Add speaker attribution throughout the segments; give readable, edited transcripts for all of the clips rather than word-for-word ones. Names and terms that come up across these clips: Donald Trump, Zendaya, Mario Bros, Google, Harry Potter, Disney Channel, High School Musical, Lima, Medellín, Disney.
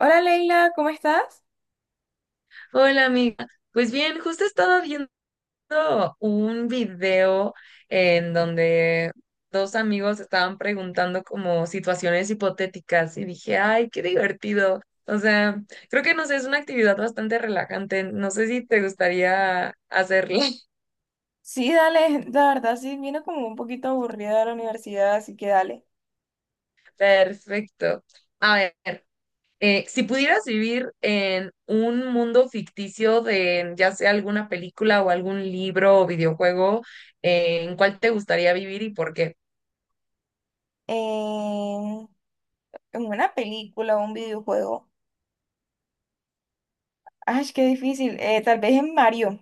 Speaker 1: Hola Leila, ¿cómo estás?
Speaker 2: Hola amiga, pues bien, justo estaba viendo un video en donde dos amigos estaban preguntando como situaciones hipotéticas y dije, ay, qué divertido. O sea, creo que no sé, es una actividad bastante relajante. No sé si te gustaría hacerla.
Speaker 1: Sí, dale, la verdad sí, vino como un poquito aburrida de la universidad, así que dale.
Speaker 2: Perfecto. A ver, si pudieras vivir en un mundo ficticio de ya sea alguna película o algún libro o videojuego, ¿en cuál te gustaría vivir y por qué?
Speaker 1: En, en una película o un videojuego. Ay, qué difícil. Tal vez en Mario,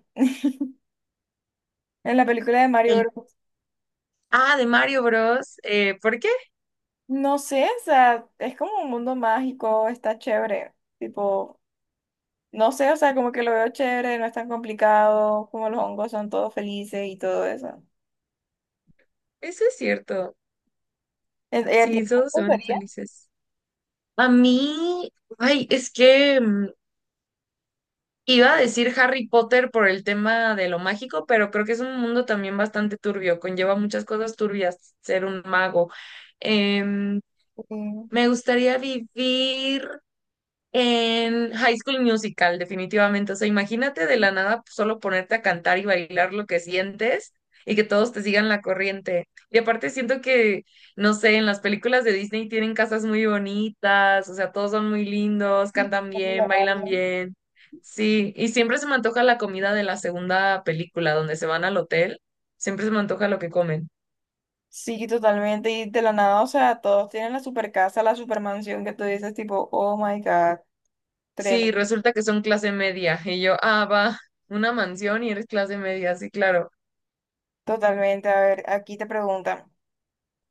Speaker 1: en la película de Mario
Speaker 2: El,
Speaker 1: Bros.
Speaker 2: de Mario Bros. ¿Por qué?
Speaker 1: No sé, o sea, es como un mundo mágico, está chévere. Tipo, no sé, o sea, como que lo veo chévere, no es tan complicado, como los hongos son todos felices y todo eso.
Speaker 2: Eso es cierto.
Speaker 1: ¿E, ¿Ella
Speaker 2: Sí,
Speaker 1: tiene
Speaker 2: todos se van
Speaker 1: gustaría?
Speaker 2: felices. A mí, ay, es que iba a decir Harry Potter por el tema de lo mágico, pero creo que es un mundo también bastante turbio, conlleva muchas cosas turbias ser un mago. Em,
Speaker 1: Sí,
Speaker 2: me gustaría vivir en High School Musical, definitivamente. O sea, imagínate de la nada pues, solo ponerte a cantar y bailar lo que sientes y que todos te sigan la corriente. Y aparte siento que, no sé, en las películas de Disney tienen casas muy bonitas, o sea, todos son muy lindos, cantan
Speaker 1: es
Speaker 2: bien,
Speaker 1: millonaria.
Speaker 2: bailan bien. Sí, y siempre se me antoja la comida de la segunda película, donde se van al hotel, siempre se me antoja lo que comen.
Speaker 1: Sí, totalmente. Y de la nada, o sea, todos tienen la super casa, la super mansión que tú dices, tipo, oh my God,
Speaker 2: Sí,
Speaker 1: tremendo.
Speaker 2: resulta que son clase media y yo, ah, va, una mansión y eres clase media, sí, claro.
Speaker 1: Totalmente. A ver, aquí te preguntan.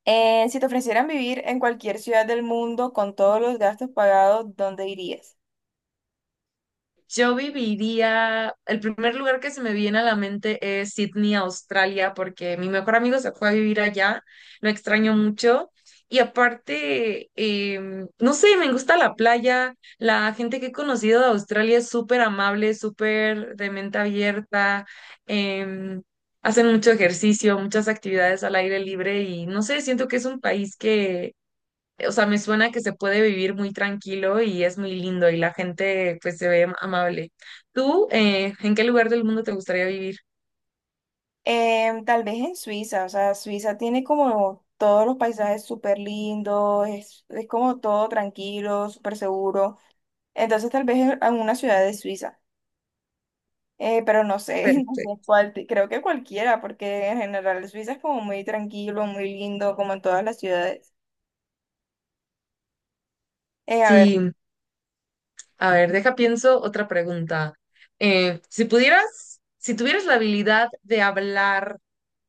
Speaker 1: Si te ofrecieran vivir en cualquier ciudad del mundo con todos los gastos pagados, ¿dónde irías?
Speaker 2: Yo viviría, el primer lugar que se me viene a la mente es Sydney, Australia, porque mi mejor amigo se fue a vivir allá, lo extraño mucho. Y aparte, no sé, me gusta la playa, la gente que he conocido de Australia es súper amable, súper de mente abierta, em, hacen mucho ejercicio, muchas actividades al aire libre y no sé, siento que es un país que o sea, me suena que se puede vivir muy tranquilo y es muy lindo y la gente pues se ve amable. ¿Tú en qué lugar del mundo te gustaría vivir?
Speaker 1: Tal vez en Suiza, o sea, Suiza tiene como todos los paisajes súper lindos, es como todo tranquilo, súper seguro. Entonces, tal vez en una ciudad de Suiza. Pero no sé, no sé
Speaker 2: Perfecto.
Speaker 1: cuál, creo que cualquiera, porque en general Suiza es como muy tranquilo, muy lindo, como en todas las ciudades. Eh, a ver,
Speaker 2: Sí, a ver, deja pienso otra pregunta. Si pudieras, si tuvieras la habilidad de hablar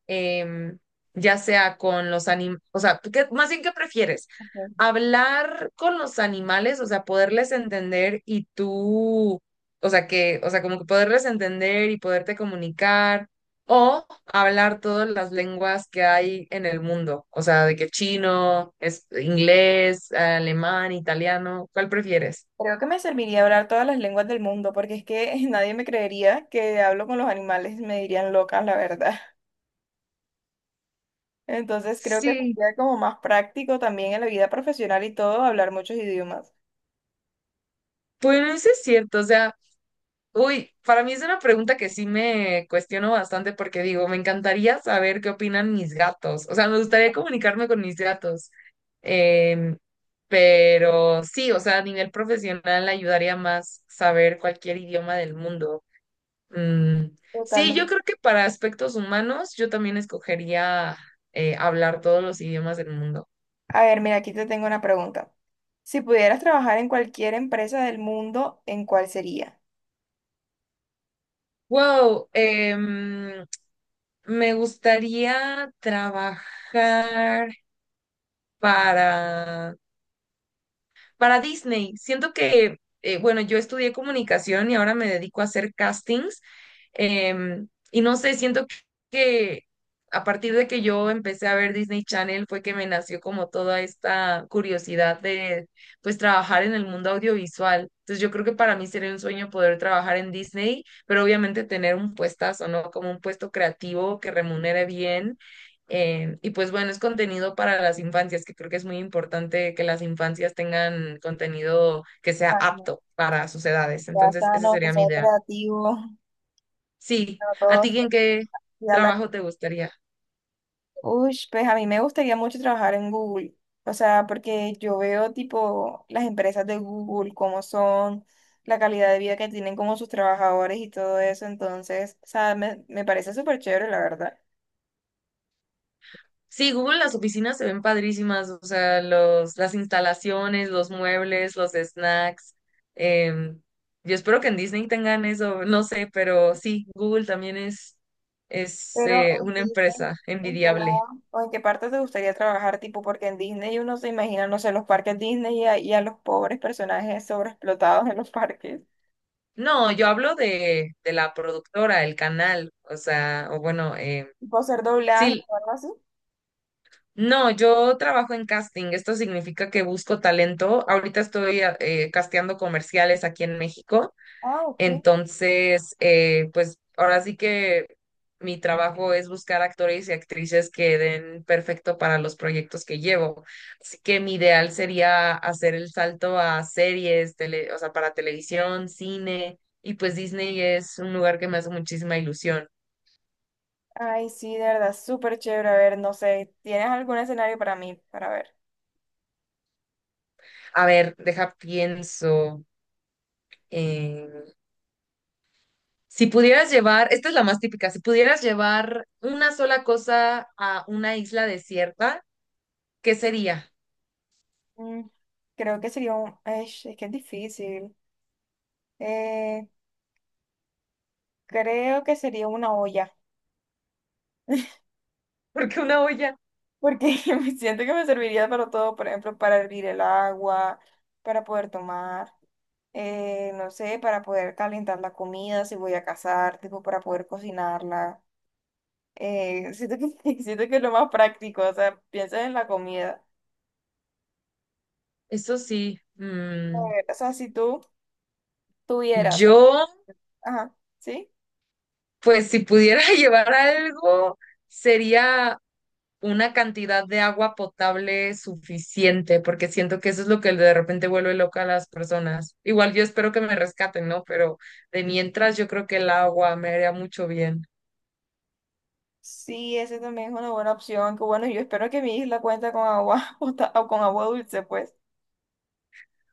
Speaker 2: em, ya sea con los animales, o sea, más bien, ¿qué prefieres?
Speaker 1: ujú,
Speaker 2: Hablar con los animales, o sea, poderles entender y tú, o sea, que, o sea, como que poderles entender y poderte comunicar, o hablar todas las lenguas que hay en el mundo, o sea, de que chino, es inglés, alemán, italiano, ¿cuál prefieres?
Speaker 1: creo que me serviría hablar todas las lenguas del mundo, porque es que nadie me creería que hablo con los animales, me dirían loca, la verdad. Entonces creo que
Speaker 2: Sí,
Speaker 1: sería como más práctico también en la vida profesional y todo, hablar muchos idiomas.
Speaker 2: pues no es cierto, o sea, uy, para mí es una pregunta que sí me cuestiono bastante porque digo, me encantaría saber qué opinan mis gatos. O sea, me gustaría comunicarme con mis gatos. Em, pero sí, o sea, a nivel profesional ayudaría más saber cualquier idioma del mundo. Mm, sí, yo
Speaker 1: Totalmente.
Speaker 2: creo que para aspectos humanos yo también escogería hablar todos los idiomas del mundo.
Speaker 1: A ver, mira, aquí te tengo una pregunta. Si pudieras trabajar en cualquier empresa del mundo, ¿en cuál sería?
Speaker 2: Wow, me gustaría trabajar para... Para Disney, siento que, bueno, yo estudié comunicación y ahora me dedico a hacer castings. Y no sé, siento que a partir de que yo empecé a ver Disney Channel fue que me nació como toda esta curiosidad de, pues, trabajar en el mundo audiovisual. Entonces yo creo que para mí sería un sueño poder trabajar en Disney, pero obviamente tener un puestazo, ¿no? Como un puesto creativo que remunere bien, y pues bueno, es contenido para las infancias, que creo que es muy importante que las infancias tengan contenido que sea apto para sus edades.
Speaker 1: Ya
Speaker 2: Entonces,
Speaker 1: están
Speaker 2: ese
Speaker 1: los
Speaker 2: sería mi
Speaker 1: procesos
Speaker 2: ideal.
Speaker 1: creativos,
Speaker 2: Sí,
Speaker 1: a
Speaker 2: ¿a
Speaker 1: todos.
Speaker 2: ti en qué
Speaker 1: Ya la...
Speaker 2: trabajo te gustaría?
Speaker 1: Uy, pues a mí me gustaría mucho trabajar en Google. O sea, porque yo veo tipo las empresas de Google, cómo son, la calidad de vida que tienen como sus trabajadores y todo eso. Entonces, o sea, me parece súper chévere, la verdad.
Speaker 2: Sí, Google, las oficinas se ven padrísimas, o sea, los, las instalaciones, los muebles, los snacks. em, yo espero que en Disney tengan eso, no sé, pero sí, Google también es, es
Speaker 1: Pero
Speaker 2: eh,
Speaker 1: en
Speaker 2: una
Speaker 1: Disney,
Speaker 2: empresa
Speaker 1: ¿en qué
Speaker 2: envidiable.
Speaker 1: lado o en qué parte te gustaría trabajar? Tipo, porque en Disney uno se imagina, no sé, los parques Disney y a los pobres personajes sobreexplotados en los parques.
Speaker 2: No, yo hablo de la productora, el canal, o sea, o bueno,
Speaker 1: Tipo, hacer doblaje
Speaker 2: sí,
Speaker 1: o algo así.
Speaker 2: no, yo trabajo en casting, esto significa que busco talento, ahorita estoy casteando comerciales aquí en México,
Speaker 1: Ah, ok.
Speaker 2: entonces, pues ahora sí que mi trabajo es buscar actores y actrices que den perfecto para los proyectos que llevo. Así que mi ideal sería hacer el salto a series, o sea, para televisión, cine, y pues Disney es un lugar que me hace muchísima ilusión.
Speaker 1: Ay, sí, de verdad, súper chévere. A ver, no sé, ¿tienes algún escenario para mí? Para ver.
Speaker 2: A ver, deja, pienso. eh, si pudieras llevar, esta es la más típica, si pudieras llevar una sola cosa a una isla desierta, ¿qué sería?
Speaker 1: Mm, Creo que sería un... Ay, es que es difícil. Eh, Creo que sería una olla,
Speaker 2: Porque una olla.
Speaker 1: porque me siento que me serviría para todo, por ejemplo, para hervir el agua, para poder tomar, no sé, para poder calentar la comida si voy a cazar, tipo, para poder cocinarla. Siento que, siento que es lo más práctico, o sea, piensas en la comida.
Speaker 2: Eso sí,
Speaker 1: A ver, o sea, si tú... tuvieras.
Speaker 2: yo,
Speaker 1: Ajá, ¿sí?
Speaker 2: pues si pudiera llevar algo, sería una cantidad de agua potable suficiente, porque siento que eso es lo que de repente vuelve loca a las personas. Igual yo espero que me rescaten, ¿no? Pero de mientras yo creo que el agua me haría mucho bien.
Speaker 1: Sí, ese también es una buena opción. Que bueno, yo espero que mi isla cuente con agua pota- o con agua dulce, pues.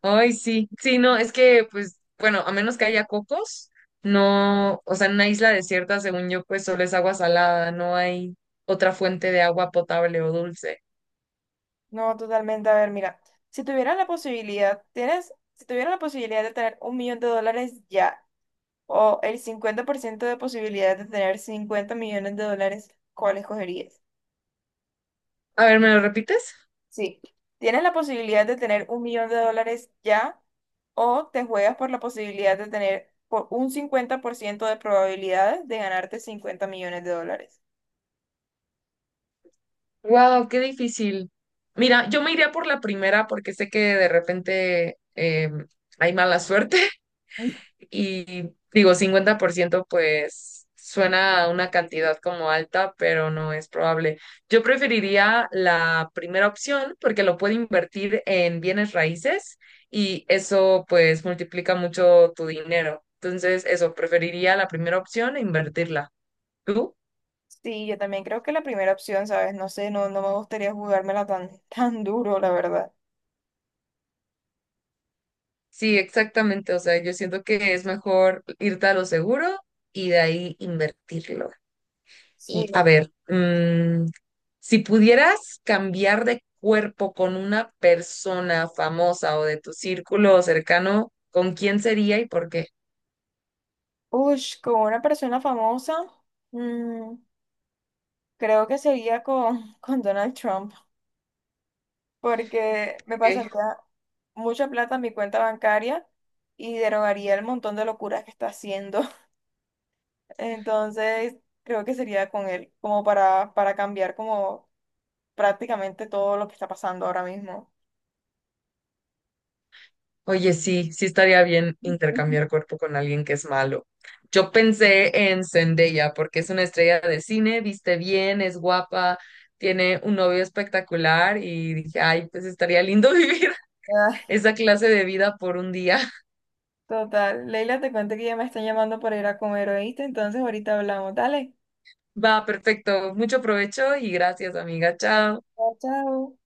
Speaker 2: Ay, sí, sí, no, es que, pues, bueno, a menos que haya cocos, no, o sea, en una isla desierta, según yo, pues solo es agua salada, no hay otra fuente de agua potable o dulce.
Speaker 1: No, totalmente. A ver, mira, si tuvieras la posibilidad, tienes, si tuvieras la posibilidad de tener $1.000.000 ya, o el 50% de posibilidad de tener $50.000.000, ¿cuál escogerías?
Speaker 2: A ver, ¿me lo repites?
Speaker 1: Sí, tienes la posibilidad de tener un millón de dólares ya o te juegas por la posibilidad de tener por un 50% de probabilidades de ganarte $50.000.000.
Speaker 2: Wow, qué difícil. Mira, yo me iría por la primera porque sé que de repente hay mala suerte y digo, 50%, pues suena a una cantidad como alta, pero no es probable. Yo preferiría la primera opción porque lo puedo invertir en bienes raíces y eso pues multiplica mucho tu dinero. Entonces, eso, preferiría la primera opción e invertirla. ¿Tú?
Speaker 1: Sí, yo también creo que la primera opción, ¿sabes? No sé, no, no me gustaría jugármela tan, tan duro, la verdad.
Speaker 2: Sí, exactamente. O sea, yo siento que es mejor irte a lo seguro y de ahí invertirlo.
Speaker 1: Sí.
Speaker 2: Y a ver, si pudieras cambiar de cuerpo con una persona famosa o de tu círculo cercano, ¿con quién sería y por qué?
Speaker 1: Ush, con una persona famosa, mm, creo que sería con Donald Trump. Porque me
Speaker 2: Ok.
Speaker 1: pasaría mucha plata en mi cuenta bancaria y derogaría el montón de locuras que está haciendo. Entonces, creo que sería con él, como para cambiar como prácticamente todo lo que está pasando ahora mismo.
Speaker 2: Oye, sí, sí estaría bien
Speaker 1: Ujú.
Speaker 2: intercambiar cuerpo con alguien que es malo. Yo pensé en Zendaya porque es una estrella de cine, viste bien, es guapa, tiene un novio espectacular y dije, ay, pues estaría lindo vivir
Speaker 1: Ah,
Speaker 2: esa clase de vida por un día.
Speaker 1: total. Leila, te cuento que ya me están llamando para ir a comer, ¿oíste? Entonces, ahorita hablamos. Dale.
Speaker 2: Va, perfecto. Mucho provecho y gracias, amiga.
Speaker 1: Ya,
Speaker 2: Chao.
Speaker 1: chao.